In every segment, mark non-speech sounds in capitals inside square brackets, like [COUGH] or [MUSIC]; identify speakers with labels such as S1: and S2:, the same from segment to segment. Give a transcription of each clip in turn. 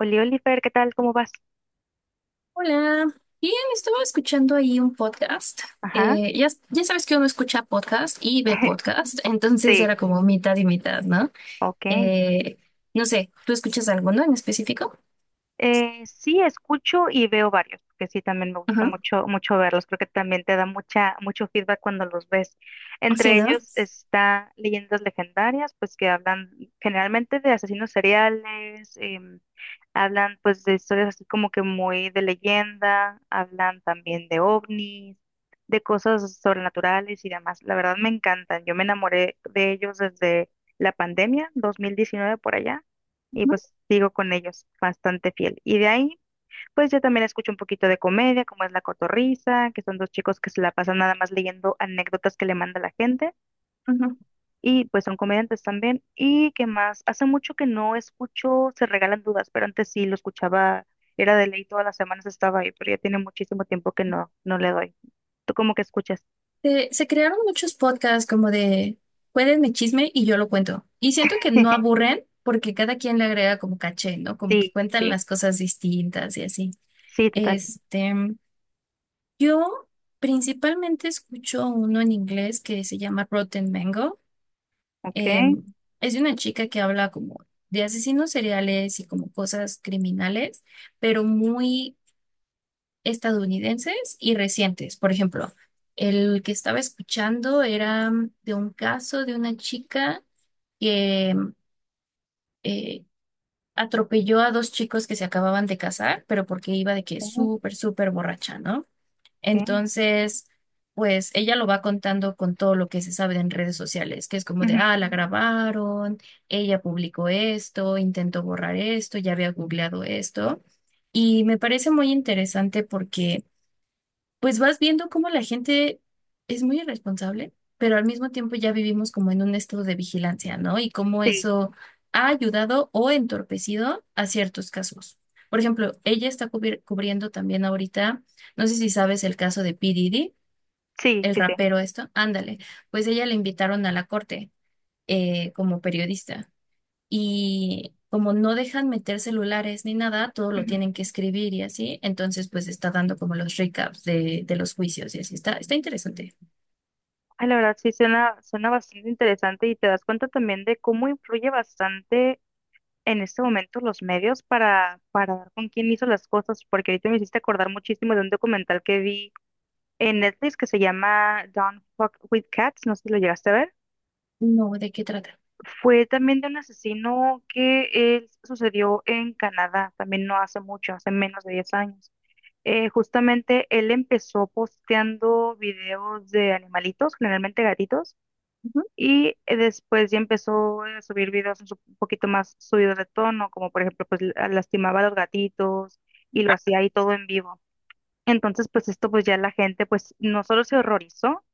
S1: Oliver, ¿qué tal? ¿Cómo vas?
S2: Hola, bien, estaba escuchando ahí un podcast.
S1: Ajá.
S2: Ya sabes que uno escucha podcast y ve
S1: [LAUGHS]
S2: podcast, entonces
S1: Sí,
S2: era como mitad y mitad, ¿no?
S1: ok.
S2: Eh, no sé, ¿tú escuchas alguno en específico?
S1: Sí, escucho y veo varios, porque sí, también me gusta
S2: Ajá.
S1: mucho, mucho verlos. Creo que también te da mucho feedback cuando los ves.
S2: Sí,
S1: Entre
S2: ¿no?
S1: ellos está Leyendas Legendarias, pues que hablan generalmente de asesinos seriales, hablan pues de historias así como que muy de leyenda, hablan también de ovnis, de cosas sobrenaturales y demás. La verdad me encantan. Yo me enamoré de ellos desde la pandemia, 2019 por allá, y
S2: Ujú,
S1: pues sigo con ellos bastante fiel. Y de ahí, pues yo también escucho un poquito de comedia, como es La Cotorrisa, que son dos chicos que se la pasan nada más leyendo anécdotas que le manda la gente,
S2: ujú.
S1: y pues son comediantes también. ¿Y qué más? Hace mucho que no escucho Se Regalan Dudas, pero antes sí lo escuchaba, era de ley, todas las semanas estaba ahí, pero ya tiene muchísimo tiempo que no, no le doy. ¿Tú cómo que escuchas?
S2: Se crearon muchos podcasts como de, cuéntenme chisme y yo lo cuento. Y siento que no
S1: [LAUGHS]
S2: aburren porque cada quien le agrega como caché, ¿no? Como que
S1: Sí,
S2: cuentan
S1: sí,
S2: las cosas distintas y así.
S1: sí, total.
S2: Este, Yo principalmente escucho uno en inglés que se llama Rotten Mango.
S1: Ok.
S2: Em, es de una chica que habla como de asesinos seriales y como cosas criminales, pero muy estadounidenses y recientes. Por ejemplo, el que estaba escuchando era de un caso de una chica que eh, atropelló a dos chicos que se acababan de casar, pero porque iba de que
S1: Ok.
S2: súper, súper borracha, ¿no? Entonces, pues ella lo va contando con todo lo que se sabe en redes sociales, que es como de,
S1: Ujú.
S2: ah, la grabaron, ella publicó esto, intentó borrar esto, ya había googleado esto. Y me parece muy interesante porque pues vas viendo cómo la gente es muy irresponsable, pero al mismo tiempo ya vivimos como en un estado de vigilancia, ¿no? Y cómo
S1: Sí,
S2: eso ha ayudado o entorpecido a ciertos casos. Por ejemplo, ella está cubriendo también ahorita, no sé si sabes el caso de P. Diddy,
S1: sí,
S2: el
S1: sí, sí.
S2: rapero esto, ándale, pues ella le invitaron a la corte como periodista y como no dejan meter celulares ni nada, todo lo tienen que escribir y así, entonces pues está dando como los recaps de los juicios y así, está interesante.
S1: Ay, la verdad sí suena, suena bastante interesante, y te das cuenta también de cómo influye bastante en este momento los medios para dar con quién hizo las cosas, porque ahorita me hiciste acordar muchísimo de un documental que vi en Netflix que se llama Don't Fuck with Cats, no sé si lo llegaste a ver.
S2: No, ¿de qué trata?
S1: Fue también de un asesino que sucedió en Canadá, también no hace mucho, hace menos de 10 años. Justamente él empezó posteando videos de animalitos, generalmente gatitos.
S2: Ujú.
S1: Y después ya empezó a subir videos un poquito más subidos de tono, como por ejemplo, pues lastimaba a los gatitos, y lo hacía ahí todo en vivo. Entonces, pues esto pues ya la gente pues no solo se horrorizó,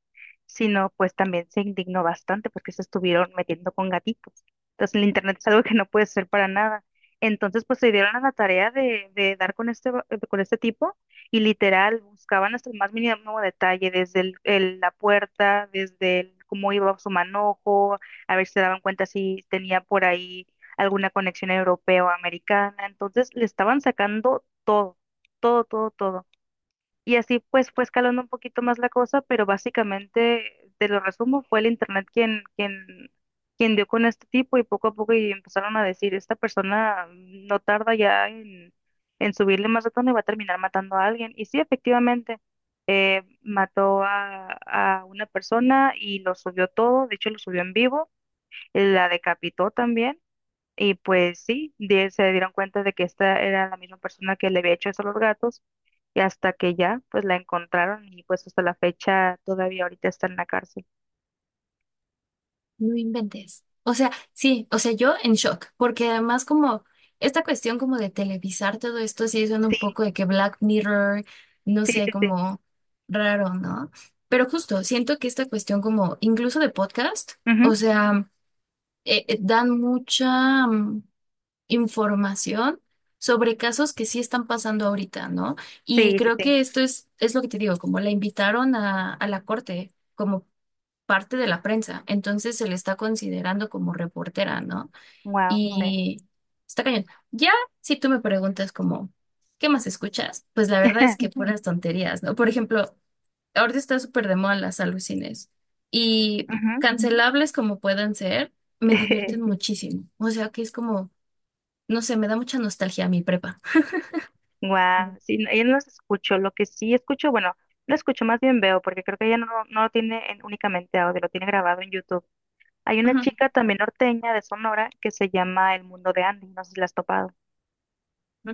S1: sino pues también se indignó bastante porque se estuvieron metiendo con gatitos. Entonces el internet es algo que no puede ser para nada. Entonces pues se dieron a la tarea de dar con este tipo, y literal buscaban hasta el más mínimo detalle, desde la puerta, desde cómo iba su manojo, a ver si se daban cuenta si tenía por ahí alguna conexión europea o americana. Entonces le estaban sacando todo, todo, todo, todo. Y así pues fue escalando un poquito más la cosa, pero básicamente, te lo resumo, fue el internet quien dio con este tipo, y poco a poco y empezaron a decir, esta persona no tarda ya en subirle más de tono y va a terminar matando a alguien. Y sí, efectivamente, mató a una persona y lo subió todo, de hecho lo subió en vivo, la decapitó también. Y pues sí, se dieron cuenta de que esta era la misma persona que le había hecho eso a los gatos, y hasta que ya pues la encontraron, y pues hasta la fecha todavía ahorita está en la cárcel.
S2: No inventes. O sea, sí, o sea, yo en shock, porque además como esta cuestión como de televisar todo esto, sí suena un
S1: Sí,
S2: poco de que Black Mirror, no
S1: sí,
S2: sé,
S1: sí, sí.
S2: como raro, ¿no? Pero justo, siento que esta cuestión como incluso de podcast, o
S1: Ujú.
S2: sea, dan mucha... información sobre casos que sí están pasando ahorita, ¿no? Y
S1: Sí, sí,
S2: creo
S1: sí.
S2: que esto es lo que te digo, como la invitaron a la corte como parte de la prensa, entonces se le está considerando como reportera, ¿no? Claro.
S1: Wow, sí.
S2: Y está cañón. Ya, si tú me preguntas como, ¿qué más escuchas? Pues la verdad es que
S1: [LAUGHS]
S2: puras tonterías, ¿no? Por ejemplo, ahorita está súper de moda las alucines y
S1: Ujú.
S2: cancelables como puedan ser, me divierten
S1: [LAUGHS]
S2: muchísimo. O sea que es como... No sé, me da mucha nostalgia mi prepa.
S1: Guau, sí, ella no los escucho. Lo que sí escucho, bueno, no escucho, más bien veo, porque creo que ella no, no lo tiene únicamente audio, lo tiene grabado en YouTube. Hay una
S2: Ujú.
S1: chica también norteña de Sonora que se llama El Mundo de Andy, no sé si la has topado.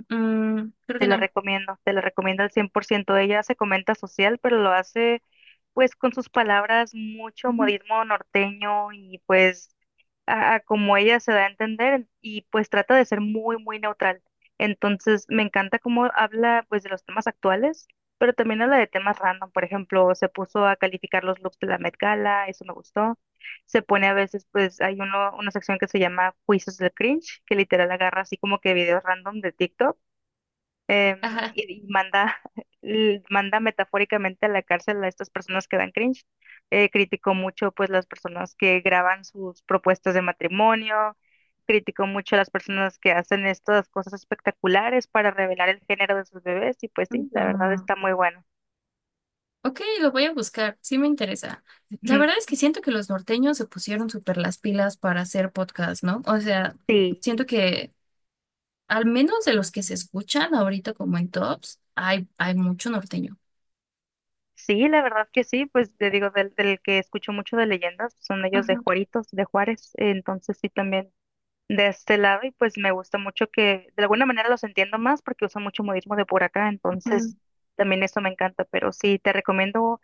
S2: Mm, creo que no.
S1: Te la recomiendo al 100%. Ella se comenta social, pero lo hace pues con sus palabras, mucho
S2: Ujú.
S1: modismo norteño, y pues a como ella se da a entender, y pues trata de ser muy, muy neutral. Entonces me encanta cómo habla pues de los temas actuales, pero también habla de temas random. Por ejemplo, se puso a calificar los looks de la Met Gala, eso me gustó. Se pone a veces pues hay uno, una sección que se llama Juicios del Cringe, que literal agarra así como que videos random de TikTok,
S2: Ajá.
S1: y manda metafóricamente a la cárcel a estas personas que dan cringe. Criticó mucho pues las personas que graban sus propuestas de matrimonio, criticó mucho a las personas que hacen estas cosas espectaculares para revelar el género de sus bebés, y pues sí,
S2: Ujú.
S1: la verdad está muy bueno.
S2: Ok, lo voy a buscar, sí me interesa. La
S1: Ujú.
S2: verdad es que siento que los norteños se pusieron súper las pilas para hacer podcast, ¿no? O sea,
S1: Sí,
S2: siento que al menos de los que se escuchan ahorita como en tops, hay mucho norteño.
S1: sí, la verdad que sí, pues te digo, del que escucho mucho de leyendas, son ellos de
S2: Ujú,
S1: Juaritos, de Juárez, entonces sí también de este lado, y pues me gusta mucho que de alguna manera los entiendo más porque uso mucho modismo de por acá,
S2: ujú.
S1: entonces también eso me encanta, pero sí, te recomiendo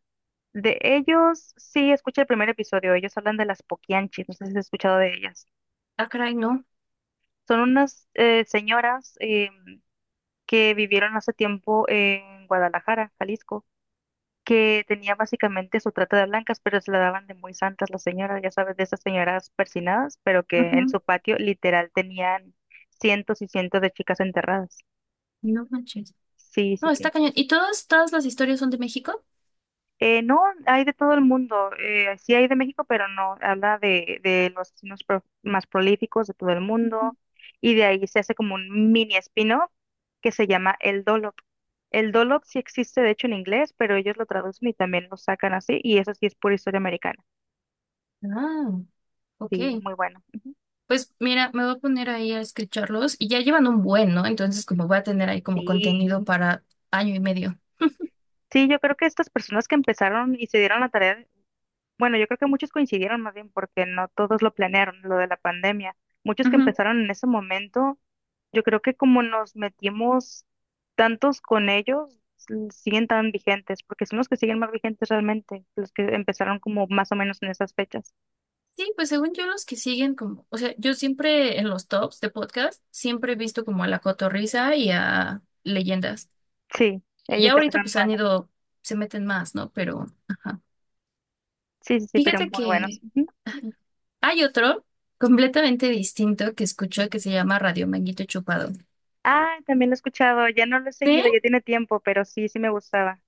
S1: de ellos, sí, escucha el primer episodio, ellos hablan de las Poquianchis, no sé si has escuchado de ellas.
S2: Ah, caray, no.
S1: Son unas señoras que vivieron hace tiempo en Guadalajara, Jalisco, que tenía básicamente su trata de blancas, pero se la daban de muy santas las señoras, ya sabes, de esas señoras persinadas, pero que en
S2: Ujú.
S1: su patio literal tenían cientos y cientos de chicas enterradas.
S2: No manches.
S1: Sí, sí,
S2: No, está
S1: sí.
S2: cañón. ¿Y todas, todas las historias son de México?
S1: No, hay de todo el mundo, sí hay de México, pero no, habla de los asesinos más prolíficos de todo el
S2: Ujú.
S1: mundo, y de ahí se hace como un mini espino que se llama el Dolop. El Dolop sí existe, de hecho, en inglés, pero ellos lo traducen y también lo sacan así, y eso sí es pura historia americana.
S2: Ah, ok.
S1: Sí, es muy bueno. Ujú.
S2: Pues mira, me voy a poner ahí a escucharlos y ya llevan un buen, ¿no? Entonces como voy a tener ahí como
S1: Sí,
S2: contenido para año y medio.
S1: sí, yo creo que estas personas que empezaron y se dieron la tarea, bueno, yo creo que muchos coincidieron más bien porque no todos lo planearon, lo de la pandemia. Muchos que
S2: Ujú.
S1: empezaron en ese momento, yo creo que como nos metimos tantos con ellos, siguen tan vigentes, porque son los que siguen más vigentes realmente, los que empezaron como más o menos en esas fechas.
S2: Sí, pues según yo los que siguen como, o sea, yo siempre en los tops de podcast siempre he visto como a La Cotorrisa y a Leyendas.
S1: Sí,
S2: Y
S1: ellos
S2: ahorita
S1: empezaron
S2: pues
S1: muy
S2: han
S1: año.
S2: ido, se meten más, ¿no? Pero, ajá.
S1: Sí, sí, sí, pero
S2: Fíjate
S1: muy buenos.
S2: que
S1: Ujú.
S2: hay otro completamente distinto que escucho que se llama Radio Manguito Chupado.
S1: Ah, también lo he escuchado, ya no lo he
S2: Sí,
S1: seguido, ya tiene tiempo, pero sí, sí me gustaba.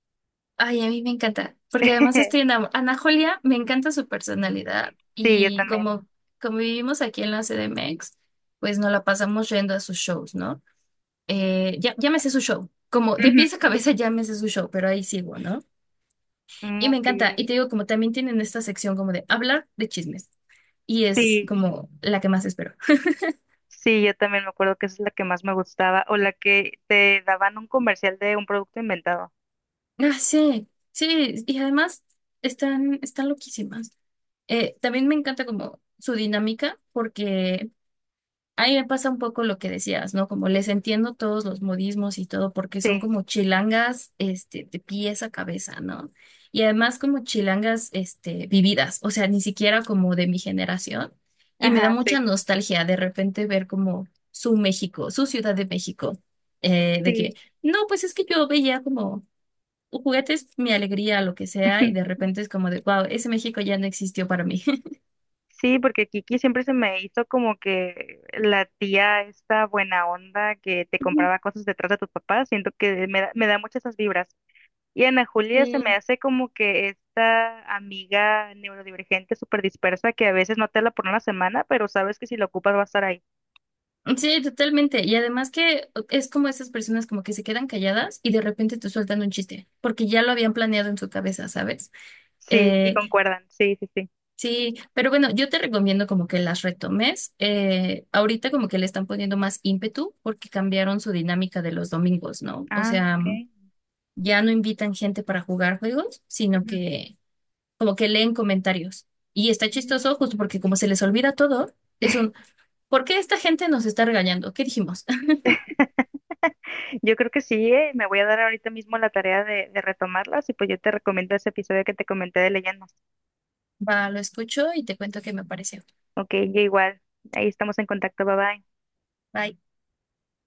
S2: ay, a mí me encanta, porque además estoy
S1: [LAUGHS]
S2: enamorada. Ana Julia, me encanta su personalidad
S1: Sí, yo
S2: y
S1: también.
S2: como, como vivimos aquí en la CDMX, pues nos la pasamos yendo a sus shows, ¿no? Ya me sé su show, como de
S1: Ujú.
S2: pies a cabeza ya me sé su show, pero ahí sigo, ¿no?
S1: Mm,
S2: Y me
S1: ok.
S2: encanta, y te digo, como también tienen esta sección como de hablar de chismes, y es
S1: Sí,
S2: como la que más espero.
S1: sí, yo también me acuerdo que esa es la que más me gustaba, o la que te daban un comercial de un producto inventado.
S2: Ah, sí, sí, y además están, están loquísimas. También me encanta como su dinámica, porque ahí me pasa un poco lo que decías, ¿no? Como les entiendo todos los modismos y todo, porque son
S1: Sí,
S2: como chilangas, este, de pies a cabeza, ¿no? Y además como chilangas, este, vividas, o sea, ni siquiera como de mi generación. Y me da
S1: ajá, sí,
S2: mucha nostalgia de repente ver como su México, su Ciudad de México, de que,
S1: sí.
S2: no, pues es que yo veía como juguetes, mi alegría, lo que sea, y de
S1: [LAUGHS]
S2: repente es como de, wow, ese México ya no existió para mí.
S1: Sí, porque Kiki siempre se me hizo como que la tía esta buena onda que te compraba cosas detrás de tus papás, siento que me da muchas esas vibras. Y Ana
S2: [LAUGHS]
S1: Julia se me
S2: Sí.
S1: hace como que esta amiga neurodivergente súper dispersa que a veces no te habla por una semana, pero sabes que si la ocupas va a estar ahí.
S2: Sí, totalmente. Y además que es como esas personas como que se quedan calladas y de repente te sueltan un chiste, porque ya lo habían planeado en su cabeza, ¿sabes?
S1: Sí, y
S2: Eh,
S1: concuerdan. Sí, sí, sí.
S2: sí, pero bueno, yo te recomiendo como que las retomes. Ahorita como que le están poniendo más ímpetu porque cambiaron su dinámica de los domingos, ¿no? O
S1: Ah,
S2: sea,
S1: ok.
S2: ya no invitan gente para jugar juegos, sino que como que leen comentarios. Y está
S1: Ujú.
S2: chistoso justo porque como se les olvida todo, es un, ¿por qué esta gente nos está regañando? ¿Qué dijimos?
S1: [LAUGHS] Yo creo que sí, me voy a dar ahorita mismo la tarea de retomarlas, y pues yo te recomiendo ese episodio que te comenté de leyendas.
S2: Va, lo escucho y te cuento qué me pareció.
S1: Ok, yo igual. Ahí estamos en contacto. Bye bye.
S2: Bye.